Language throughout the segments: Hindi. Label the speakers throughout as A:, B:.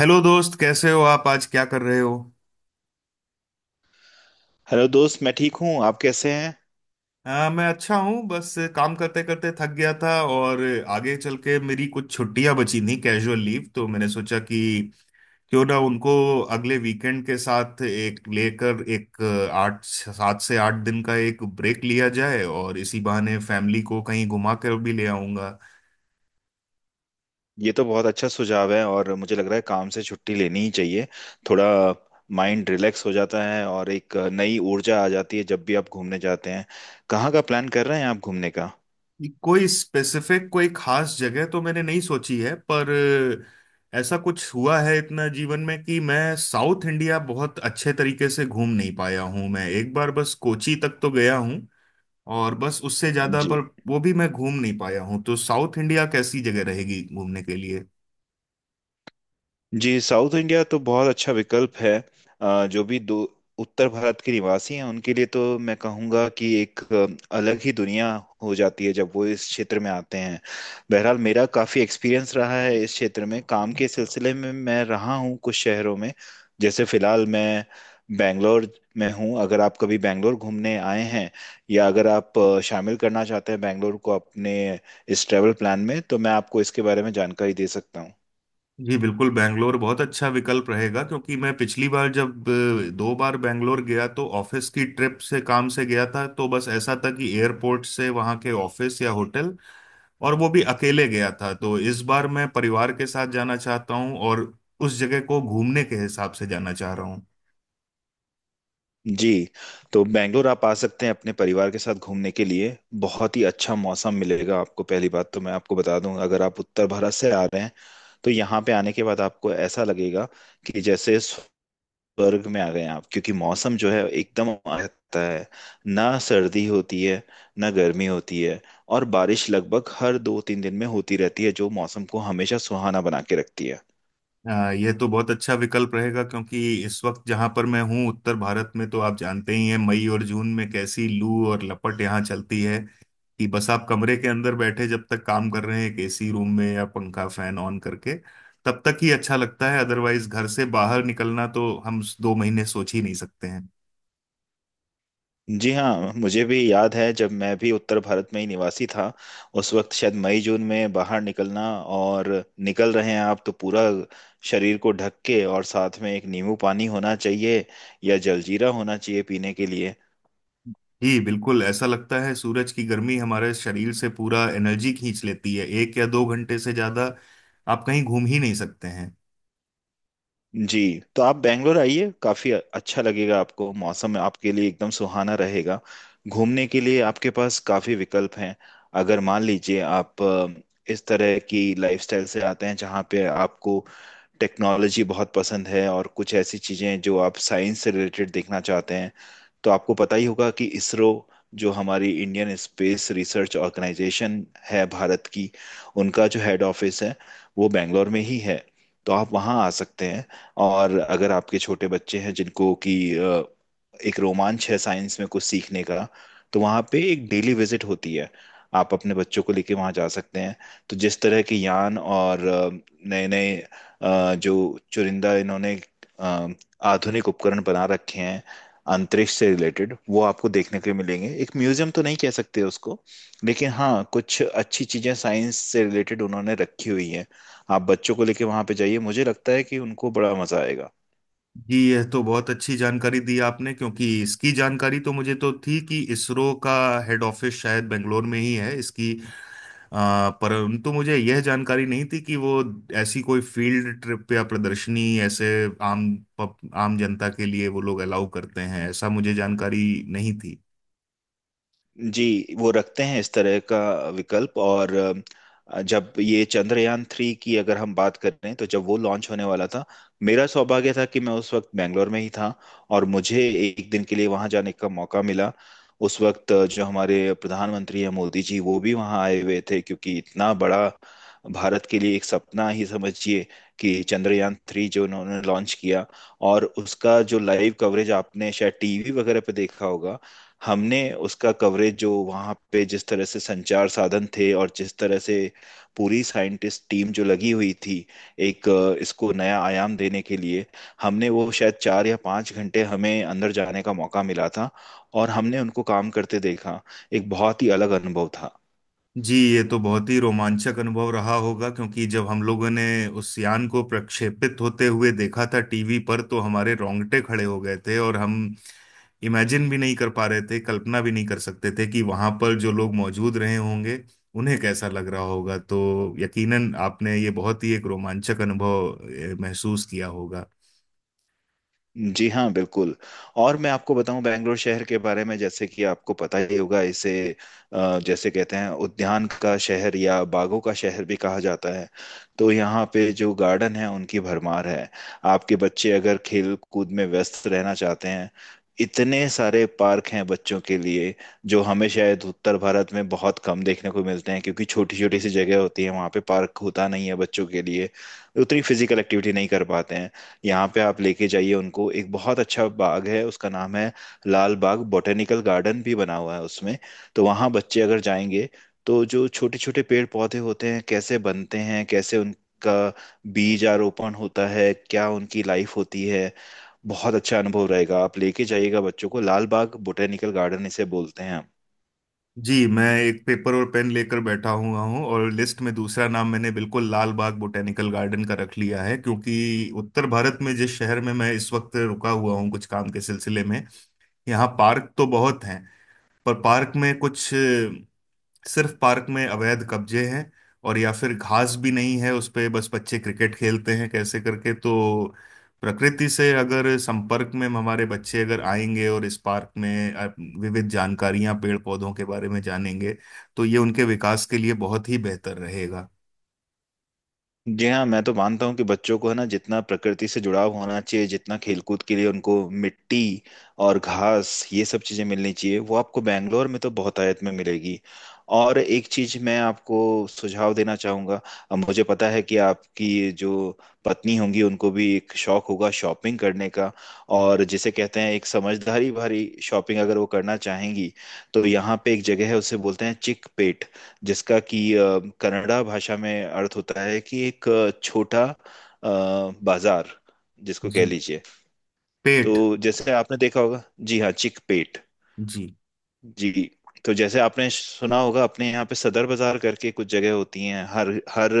A: हेलो दोस्त, कैसे हो आप? आज क्या कर रहे हो?
B: हेलो दोस्त, मैं ठीक हूँ। आप कैसे हैं?
A: मैं अच्छा हूँ। बस काम करते करते थक गया था, और आगे चल के मेरी कुछ छुट्टियां बची थी, कैजुअल लीव, तो मैंने सोचा कि क्यों ना उनको अगले वीकेंड के साथ एक लेकर एक आठ 7 से 8 दिन का एक ब्रेक लिया जाए, और इसी बहाने फैमिली को कहीं घुमा कर भी ले आऊंगा।
B: ये तो बहुत अच्छा सुझाव है और मुझे लग रहा है काम से छुट्टी लेनी ही चाहिए। थोड़ा माइंड रिलैक्स हो जाता है और एक नई ऊर्जा आ जाती है जब भी आप घूमने जाते हैं। कहाँ का प्लान कर रहे हैं आप घूमने का?
A: कोई स्पेसिफिक, कोई खास जगह तो मैंने नहीं सोची है, पर ऐसा कुछ हुआ है इतना जीवन में कि मैं साउथ इंडिया बहुत अच्छे तरीके से घूम नहीं पाया हूँ। मैं एक बार बस कोची तक तो गया हूँ, और बस उससे ज्यादा
B: जी।
A: पर वो भी मैं घूम नहीं पाया हूँ। तो साउथ इंडिया कैसी जगह रहेगी घूमने के लिए?
B: जी, साउथ इंडिया तो बहुत अच्छा विकल्प है। जो भी दो उत्तर भारत के निवासी हैं उनके लिए तो मैं कहूँगा कि एक अलग ही दुनिया हो जाती है जब वो इस क्षेत्र में आते हैं। बहरहाल मेरा काफ़ी एक्सपीरियंस रहा है, इस क्षेत्र में काम के सिलसिले में मैं रहा हूँ कुछ शहरों में। जैसे फ़िलहाल मैं बैंगलोर में हूँ। अगर आप कभी बैंगलोर घूमने आए हैं या अगर आप शामिल करना चाहते हैं बैंगलोर को अपने इस ट्रैवल प्लान में, तो मैं आपको इसके बारे में जानकारी दे सकता हूँ।
A: जी बिल्कुल, बैंगलोर बहुत अच्छा विकल्प रहेगा क्योंकि मैं पिछली बार जब दो बार बैंगलोर गया तो ऑफिस की ट्रिप से, काम से गया था। तो बस ऐसा था कि एयरपोर्ट से वहाँ के ऑफिस या होटल, और वो भी अकेले गया था। तो इस बार मैं परिवार के साथ जाना चाहता हूँ, और उस जगह को घूमने के हिसाब से जाना चाह रहा हूँ।
B: जी। तो बेंगलोर आप आ सकते हैं अपने परिवार के साथ घूमने के लिए। बहुत ही अच्छा मौसम मिलेगा आपको। पहली बात तो मैं आपको बता दूं, अगर आप उत्तर भारत से आ रहे हैं तो यहाँ पे आने के बाद आपको ऐसा लगेगा कि जैसे स्वर्ग में आ गए हैं आप, क्योंकि मौसम जो है एकदम आता है। ना सर्दी होती है, ना गर्मी होती है, और बारिश लगभग हर 2 3 दिन में होती रहती है जो मौसम को हमेशा सुहाना बना के रखती है।
A: ये तो बहुत अच्छा विकल्प रहेगा, क्योंकि इस वक्त जहां पर मैं हूँ उत्तर भारत में, तो आप जानते ही हैं मई और जून में कैसी लू और लपट यहाँ चलती है। कि बस आप कमरे के अंदर बैठे जब तक काम कर रहे हैं एक एसी रूम में या पंखा, फैन ऑन करके, तब तक ही अच्छा लगता है। अदरवाइज घर से बाहर निकलना तो हम 2 महीने सोच ही नहीं सकते।
B: जी हाँ, मुझे भी याद है जब मैं भी उत्तर भारत में ही निवासी था। उस वक्त शायद मई जून में बाहर निकलना, और निकल रहे हैं आप तो पूरा शरीर को ढक के, और साथ में एक नींबू पानी होना चाहिए या जलजीरा होना चाहिए पीने के लिए।
A: जी बिल्कुल। ऐसा लगता है सूरज की गर्मी हमारे शरीर से पूरा एनर्जी खींच लेती है। 1 या 2 घंटे से ज्यादा आप कहीं घूम ही नहीं सकते हैं।
B: जी, तो आप बैंगलोर आइए, काफी अच्छा लगेगा आपको। मौसम आपके लिए एकदम सुहाना रहेगा। घूमने के लिए आपके पास काफी विकल्प हैं। अगर मान लीजिए आप इस तरह की लाइफस्टाइल से आते हैं जहाँ पे आपको टेक्नोलॉजी बहुत पसंद है और कुछ ऐसी चीजें जो आप साइंस से रिलेटेड देखना चाहते हैं, तो आपको पता ही होगा कि इसरो जो हमारी इंडियन स्पेस रिसर्च ऑर्गेनाइजेशन है भारत की, उनका जो हेड ऑफिस है वो बैंगलोर में ही है। तो आप वहाँ आ सकते हैं। और अगर आपके छोटे बच्चे हैं जिनको कि एक रोमांच है साइंस में कुछ सीखने का, तो वहाँ पे एक डेली विजिट होती है, आप अपने बच्चों को लेके वहाँ जा सकते हैं। तो जिस तरह के यान और नए नए जो चुरिंदा इन्होंने अ, आधुनिक उपकरण बना रखे हैं अंतरिक्ष से रिलेटेड, वो आपको देखने के लिए मिलेंगे। एक म्यूजियम तो नहीं कह सकते उसको, लेकिन हाँ कुछ अच्छी चीजें साइंस से रिलेटेड उन्होंने रखी हुई हैं। आप बच्चों को लेके वहां पे जाइए, मुझे लगता है कि उनको बड़ा मजा आएगा।
A: जी, यह तो बहुत अच्छी जानकारी दी आपने, क्योंकि इसकी जानकारी तो मुझे तो थी कि इसरो का हेड ऑफिस शायद बेंगलोर में ही है। इसकी परंतु मुझे यह जानकारी नहीं थी कि वो ऐसी कोई फील्ड ट्रिप या प्रदर्शनी ऐसे आम आम जनता के लिए वो लोग अलाउ करते हैं। ऐसा मुझे जानकारी नहीं थी।
B: जी, वो रखते हैं इस तरह का विकल्प। और जब ये चंद्रयान 3 की अगर हम बात करें, तो जब वो लॉन्च होने वाला था, मेरा सौभाग्य था कि मैं उस वक्त बैंगलोर में ही था और मुझे एक दिन के लिए वहां जाने का मौका मिला। उस वक्त जो हमारे प्रधानमंत्री हैं मोदी जी वो भी वहां आए हुए थे, क्योंकि इतना बड़ा भारत के लिए एक सपना ही समझिए कि चंद्रयान 3 जो उन्होंने लॉन्च किया। और उसका जो लाइव कवरेज आपने शायद टीवी वगैरह पे देखा होगा, हमने उसका कवरेज जो वहाँ पे जिस तरह से संचार साधन थे और जिस तरह से पूरी साइंटिस्ट टीम जो लगी हुई थी एक इसको नया आयाम देने के लिए, हमने वो शायद 4 या 5 घंटे हमें अंदर जाने का मौका मिला था और हमने उनको काम करते देखा। एक बहुत ही अलग अनुभव था।
A: जी, ये तो बहुत ही रोमांचक अनुभव रहा होगा, क्योंकि जब हम लोगों ने उस यान को प्रक्षेपित होते हुए देखा था टीवी पर, तो हमारे रोंगटे खड़े हो गए थे। और हम इमेजिन भी नहीं कर पा रहे थे, कल्पना भी नहीं कर सकते थे कि वहां पर जो लोग मौजूद रहे होंगे उन्हें कैसा लग रहा होगा। तो यकीनन आपने ये बहुत ही एक रोमांचक अनुभव महसूस किया होगा।
B: जी हाँ बिल्कुल। और मैं आपको बताऊं बेंगलोर शहर के बारे में, जैसे कि आपको पता ही होगा इसे जैसे कहते हैं उद्यान का शहर या बागों का शहर भी कहा जाता है। तो यहाँ पे जो गार्डन है उनकी भरमार है। आपके बच्चे अगर खेल कूद में व्यस्त रहना चाहते हैं, इतने सारे पार्क हैं बच्चों के लिए, जो हमें शायद उत्तर भारत में बहुत कम देखने को मिलते हैं, क्योंकि छोटी छोटी सी जगह होती है वहाँ पे पार्क होता नहीं है बच्चों के लिए, उतनी फिजिकल एक्टिविटी नहीं कर पाते हैं। यहाँ पे आप लेके जाइए उनको, एक बहुत अच्छा बाग है, उसका नाम है लाल बाग, बॉटेनिकल गार्डन भी बना हुआ है उसमें। तो वहाँ बच्चे अगर जाएंगे, तो जो छोटे छोटे पेड़ पौधे होते हैं कैसे बनते हैं, कैसे उनका बीज आरोपण होता है, क्या उनकी लाइफ होती है, बहुत अच्छा अनुभव रहेगा। आप लेके जाइएगा बच्चों को, लाल बाग बॉटेनिकल गार्डन इसे बोलते हैं।
A: जी, मैं एक पेपर और पेन लेकर बैठा हुआ हूँ, और लिस्ट में दूसरा नाम मैंने बिल्कुल लाल बाग बॉटेनिकल गार्डन का रख लिया है। क्योंकि उत्तर भारत में जिस शहर में मैं इस वक्त रुका हुआ हूँ कुछ काम के सिलसिले में, यहाँ पार्क तो बहुत हैं। पर पार्क में कुछ सिर्फ पार्क में अवैध कब्जे हैं, और या फिर घास भी नहीं है उस पे, बस बच्चे क्रिकेट खेलते हैं कैसे करके। तो प्रकृति से अगर संपर्क में हमारे बच्चे अगर आएंगे, और इस पार्क में विविध जानकारियां पेड़ पौधों के बारे में जानेंगे, तो ये उनके विकास के लिए बहुत ही बेहतर रहेगा।
B: जी हाँ, मैं तो मानता हूँ कि बच्चों को है ना जितना प्रकृति से जुड़ाव होना चाहिए, जितना खेलकूद के लिए उनको मिट्टी और घास ये सब चीज़ें मिलनी चाहिए, वो आपको बैंगलोर में तो बहुतायत में मिलेगी। और एक चीज़ मैं आपको सुझाव देना चाहूँगा। अब मुझे पता है कि आपकी जो पत्नी होंगी उनको भी एक शौक होगा शॉपिंग करने का, और जिसे कहते हैं एक समझदारी भरी शॉपिंग अगर वो करना चाहेंगी, तो यहाँ पे एक जगह है उसे बोलते हैं चिक पेट, जिसका कि कन्नड़ा भाषा में अर्थ होता है कि एक छोटा अ, बाजार जिसको कह
A: जी।
B: लीजिए। तो
A: पेट।
B: जैसे आपने देखा होगा, जी हाँ, चिकपेट।
A: जी।
B: जी। तो जैसे आपने सुना होगा अपने यहाँ पे सदर बाजार करके कुछ जगह होती हैं, हर हर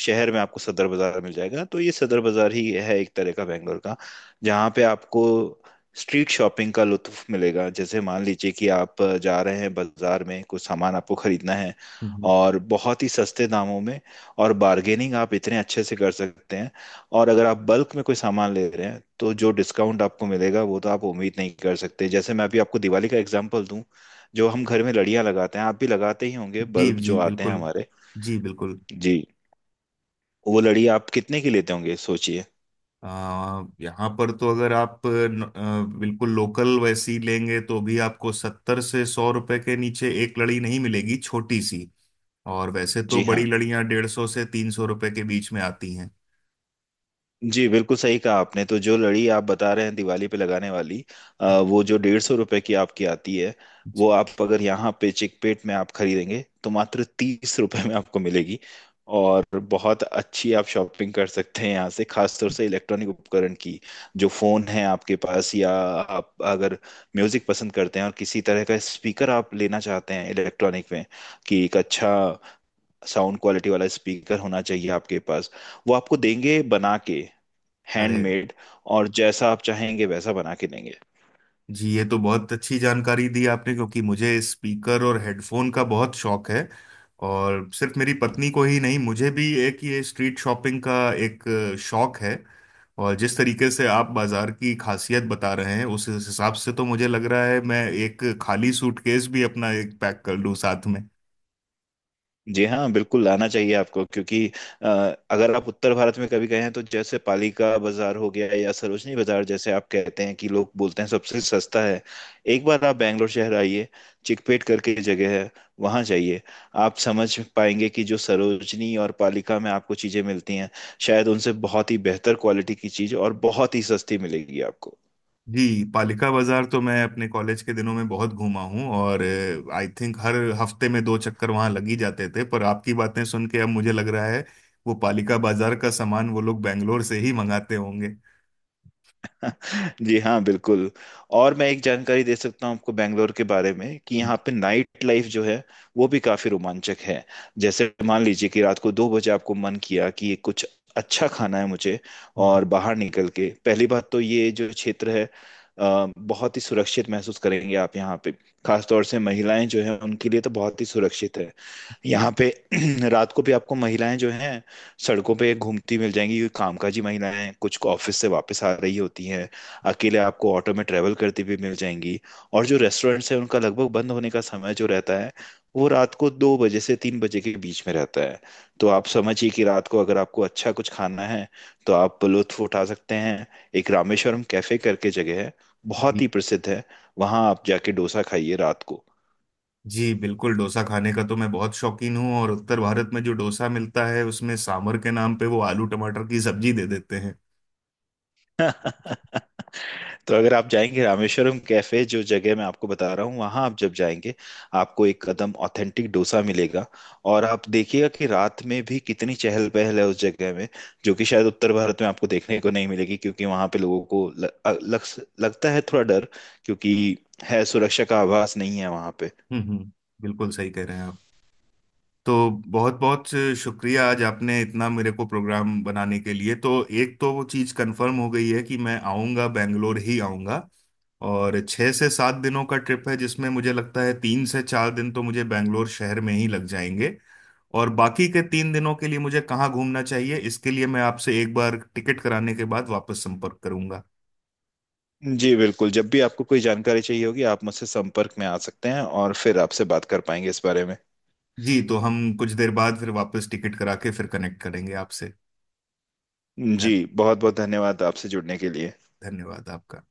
B: शहर में आपको सदर बाजार मिल जाएगा। तो ये सदर बाजार ही है एक तरह का बैंगलोर का, जहाँ पे आपको स्ट्रीट शॉपिंग का लुत्फ मिलेगा। जैसे मान लीजिए कि आप जा रहे हैं बाजार में, कुछ सामान आपको खरीदना है,
A: हम्म।
B: और बहुत ही सस्ते दामों में। और बार्गेनिंग आप इतने अच्छे से कर सकते हैं। और अगर आप बल्क में कोई सामान ले रहे हैं तो जो डिस्काउंट आपको मिलेगा वो तो आप उम्मीद नहीं कर सकते। जैसे मैं अभी आपको दिवाली का एग्जांपल दूं, जो हम घर में लड़ियां लगाते हैं आप भी लगाते ही होंगे,
A: जी।
B: बल्ब जो
A: जी
B: आते हैं
A: बिल्कुल।
B: हमारे।
A: जी बिल्कुल।
B: जी, वो लड़ी आप कितने की लेते होंगे सोचिए।
A: यहाँ पर तो अगर आप बिल्कुल लोकल वैसी लेंगे, तो भी आपको 70 से 100 रुपए के नीचे एक लड़ी नहीं मिलेगी, छोटी सी। और वैसे तो
B: जी
A: बड़ी
B: हाँ।
A: लड़ियाँ 150 से 300 रुपए के बीच में आती हैं।
B: जी बिल्कुल सही कहा आपने। तो जो लड़ी आप बता रहे हैं दिवाली पे लगाने वाली, वो जो 150 रुपए की आपकी आती है, वो आप अगर यहाँ पे चिकपेट में आप खरीदेंगे तो मात्र 30 रुपए में आपको मिलेगी। और बहुत अच्छी आप शॉपिंग कर सकते हैं यहाँ से, खासतौर से इलेक्ट्रॉनिक उपकरण की। जो फोन है आपके पास, या आप अगर म्यूजिक पसंद करते हैं और किसी तरह का स्पीकर आप लेना चाहते हैं इलेक्ट्रॉनिक में, कि एक अच्छा साउंड क्वालिटी वाला स्पीकर होना चाहिए आपके पास, वो आपको देंगे बना के,
A: अरे।
B: हैंडमेड। और जैसा आप चाहेंगे वैसा बना के देंगे।
A: जी, ये तो बहुत अच्छी जानकारी दी आपने, क्योंकि मुझे स्पीकर और हेडफोन का बहुत शौक है। और सिर्फ मेरी पत्नी को ही नहीं, मुझे भी एक ये स्ट्रीट शॉपिंग का एक शौक है। और जिस तरीके से आप बाजार की खासियत बता रहे हैं, उस हिसाब से तो मुझे लग रहा है मैं एक खाली सूटकेस भी अपना एक पैक कर लूं साथ।
B: जी हाँ बिल्कुल, लाना चाहिए आपको। क्योंकि अ, अगर आप उत्तर भारत में कभी गए हैं तो जैसे पालिका बाजार हो गया या सरोजनी बाजार, जैसे आप कहते हैं कि लोग बोलते हैं सबसे सस्ता है। एक बार आप बैंगलोर शहर आइए, चिकपेट करके एक जगह है, वहाँ जाइए। आप समझ पाएंगे कि जो सरोजनी और पालिका में आपको चीज़ें मिलती हैं, शायद उनसे बहुत ही बेहतर क्वालिटी की चीज़ और बहुत ही सस्ती मिलेगी आपको।
A: जी, पालिका बाजार तो मैं अपने कॉलेज के दिनों में बहुत घूमा हूँ, और आई थिंक हर हफ्ते में दो चक्कर वहां लग ही जाते थे। पर आपकी बातें सुन के अब मुझे लग रहा है वो पालिका बाजार का सामान वो लोग बैंगलोर से ही मंगाते होंगे।
B: जी हाँ बिल्कुल। और मैं एक जानकारी दे सकता हूँ आपको बेंगलोर के बारे में, कि यहाँ पे नाइट लाइफ जो है, वो भी काफी रोमांचक है। जैसे मान लीजिए कि रात को 2 बजे आपको मन किया कि कुछ अच्छा खाना है मुझे, और बाहर निकल के। पहली बात तो ये जो क्षेत्र है, बहुत ही सुरक्षित महसूस करेंगे आप यहाँ पे। खासतौर से महिलाएं जो है उनके लिए तो बहुत ही सुरक्षित है यहाँ
A: जी।
B: पे। रात को भी आपको महिलाएं जो हैं सड़कों पे घूमती मिल जाएंगी, क्योंकि कामकाजी महिलाएं कुछ को ऑफिस से वापस आ रही होती हैं, अकेले आपको ऑटो में ट्रेवल करती भी मिल जाएंगी। और जो रेस्टोरेंट्स हैं उनका लगभग बंद होने का समय जो रहता है, वो रात को 2 बजे से 3 बजे के बीच में रहता है। तो आप समझिए कि रात को अगर आपको अच्छा कुछ खाना है तो आप लुत्फ उठा सकते हैं। एक रामेश्वरम कैफे करके जगह है, बहुत
A: जी।
B: ही प्रसिद्ध है। वहां आप जाके डोसा खाइए रात को।
A: जी, बिल्कुल। डोसा खाने का तो मैं बहुत शौकीन हूँ, और उत्तर भारत में जो डोसा मिलता है उसमें सांभर के नाम पे वो आलू टमाटर की सब्जी दे देते हैं।
B: तो अगर आप जाएंगे रामेश्वरम कैफे जो जगह मैं आपको बता रहा हूँ, वहां आप जब जाएंगे आपको एक कदम ऑथेंटिक डोसा मिलेगा। और आप देखिएगा कि रात में भी कितनी चहल पहल है उस जगह में, जो कि शायद उत्तर भारत में आपको देखने को नहीं मिलेगी, क्योंकि वहां पे लोगों को लगता है थोड़ा डर, क्योंकि है सुरक्षा का आभास नहीं है वहां पे।
A: हम्म। हम्म। बिल्कुल सही कह रहे हैं आप। तो बहुत बहुत शुक्रिया, आज आपने इतना मेरे को प्रोग्राम बनाने के लिए। तो एक तो वो चीज़ कंफर्म हो गई है कि मैं आऊँगा, बेंगलोर ही आऊँगा। और 6 से 7 दिनों का ट्रिप है, जिसमें मुझे लगता है 3 से 4 दिन तो मुझे बेंगलोर शहर में ही लग जाएंगे। और बाकी के 3 दिनों के लिए मुझे कहाँ घूमना चाहिए, इसके लिए मैं आपसे एक बार टिकट कराने के बाद वापस संपर्क करूंगा।
B: जी बिल्कुल, जब भी आपको कोई जानकारी चाहिए होगी आप मुझसे संपर्क में आ सकते हैं, और फिर आपसे बात कर पाएंगे इस बारे में।
A: जी, तो हम कुछ देर बाद फिर वापस टिकट करा के फिर कनेक्ट करेंगे आपसे।
B: जी,
A: धन-
B: बहुत बहुत धन्यवाद आपसे जुड़ने के लिए।
A: धन्यवाद आपका।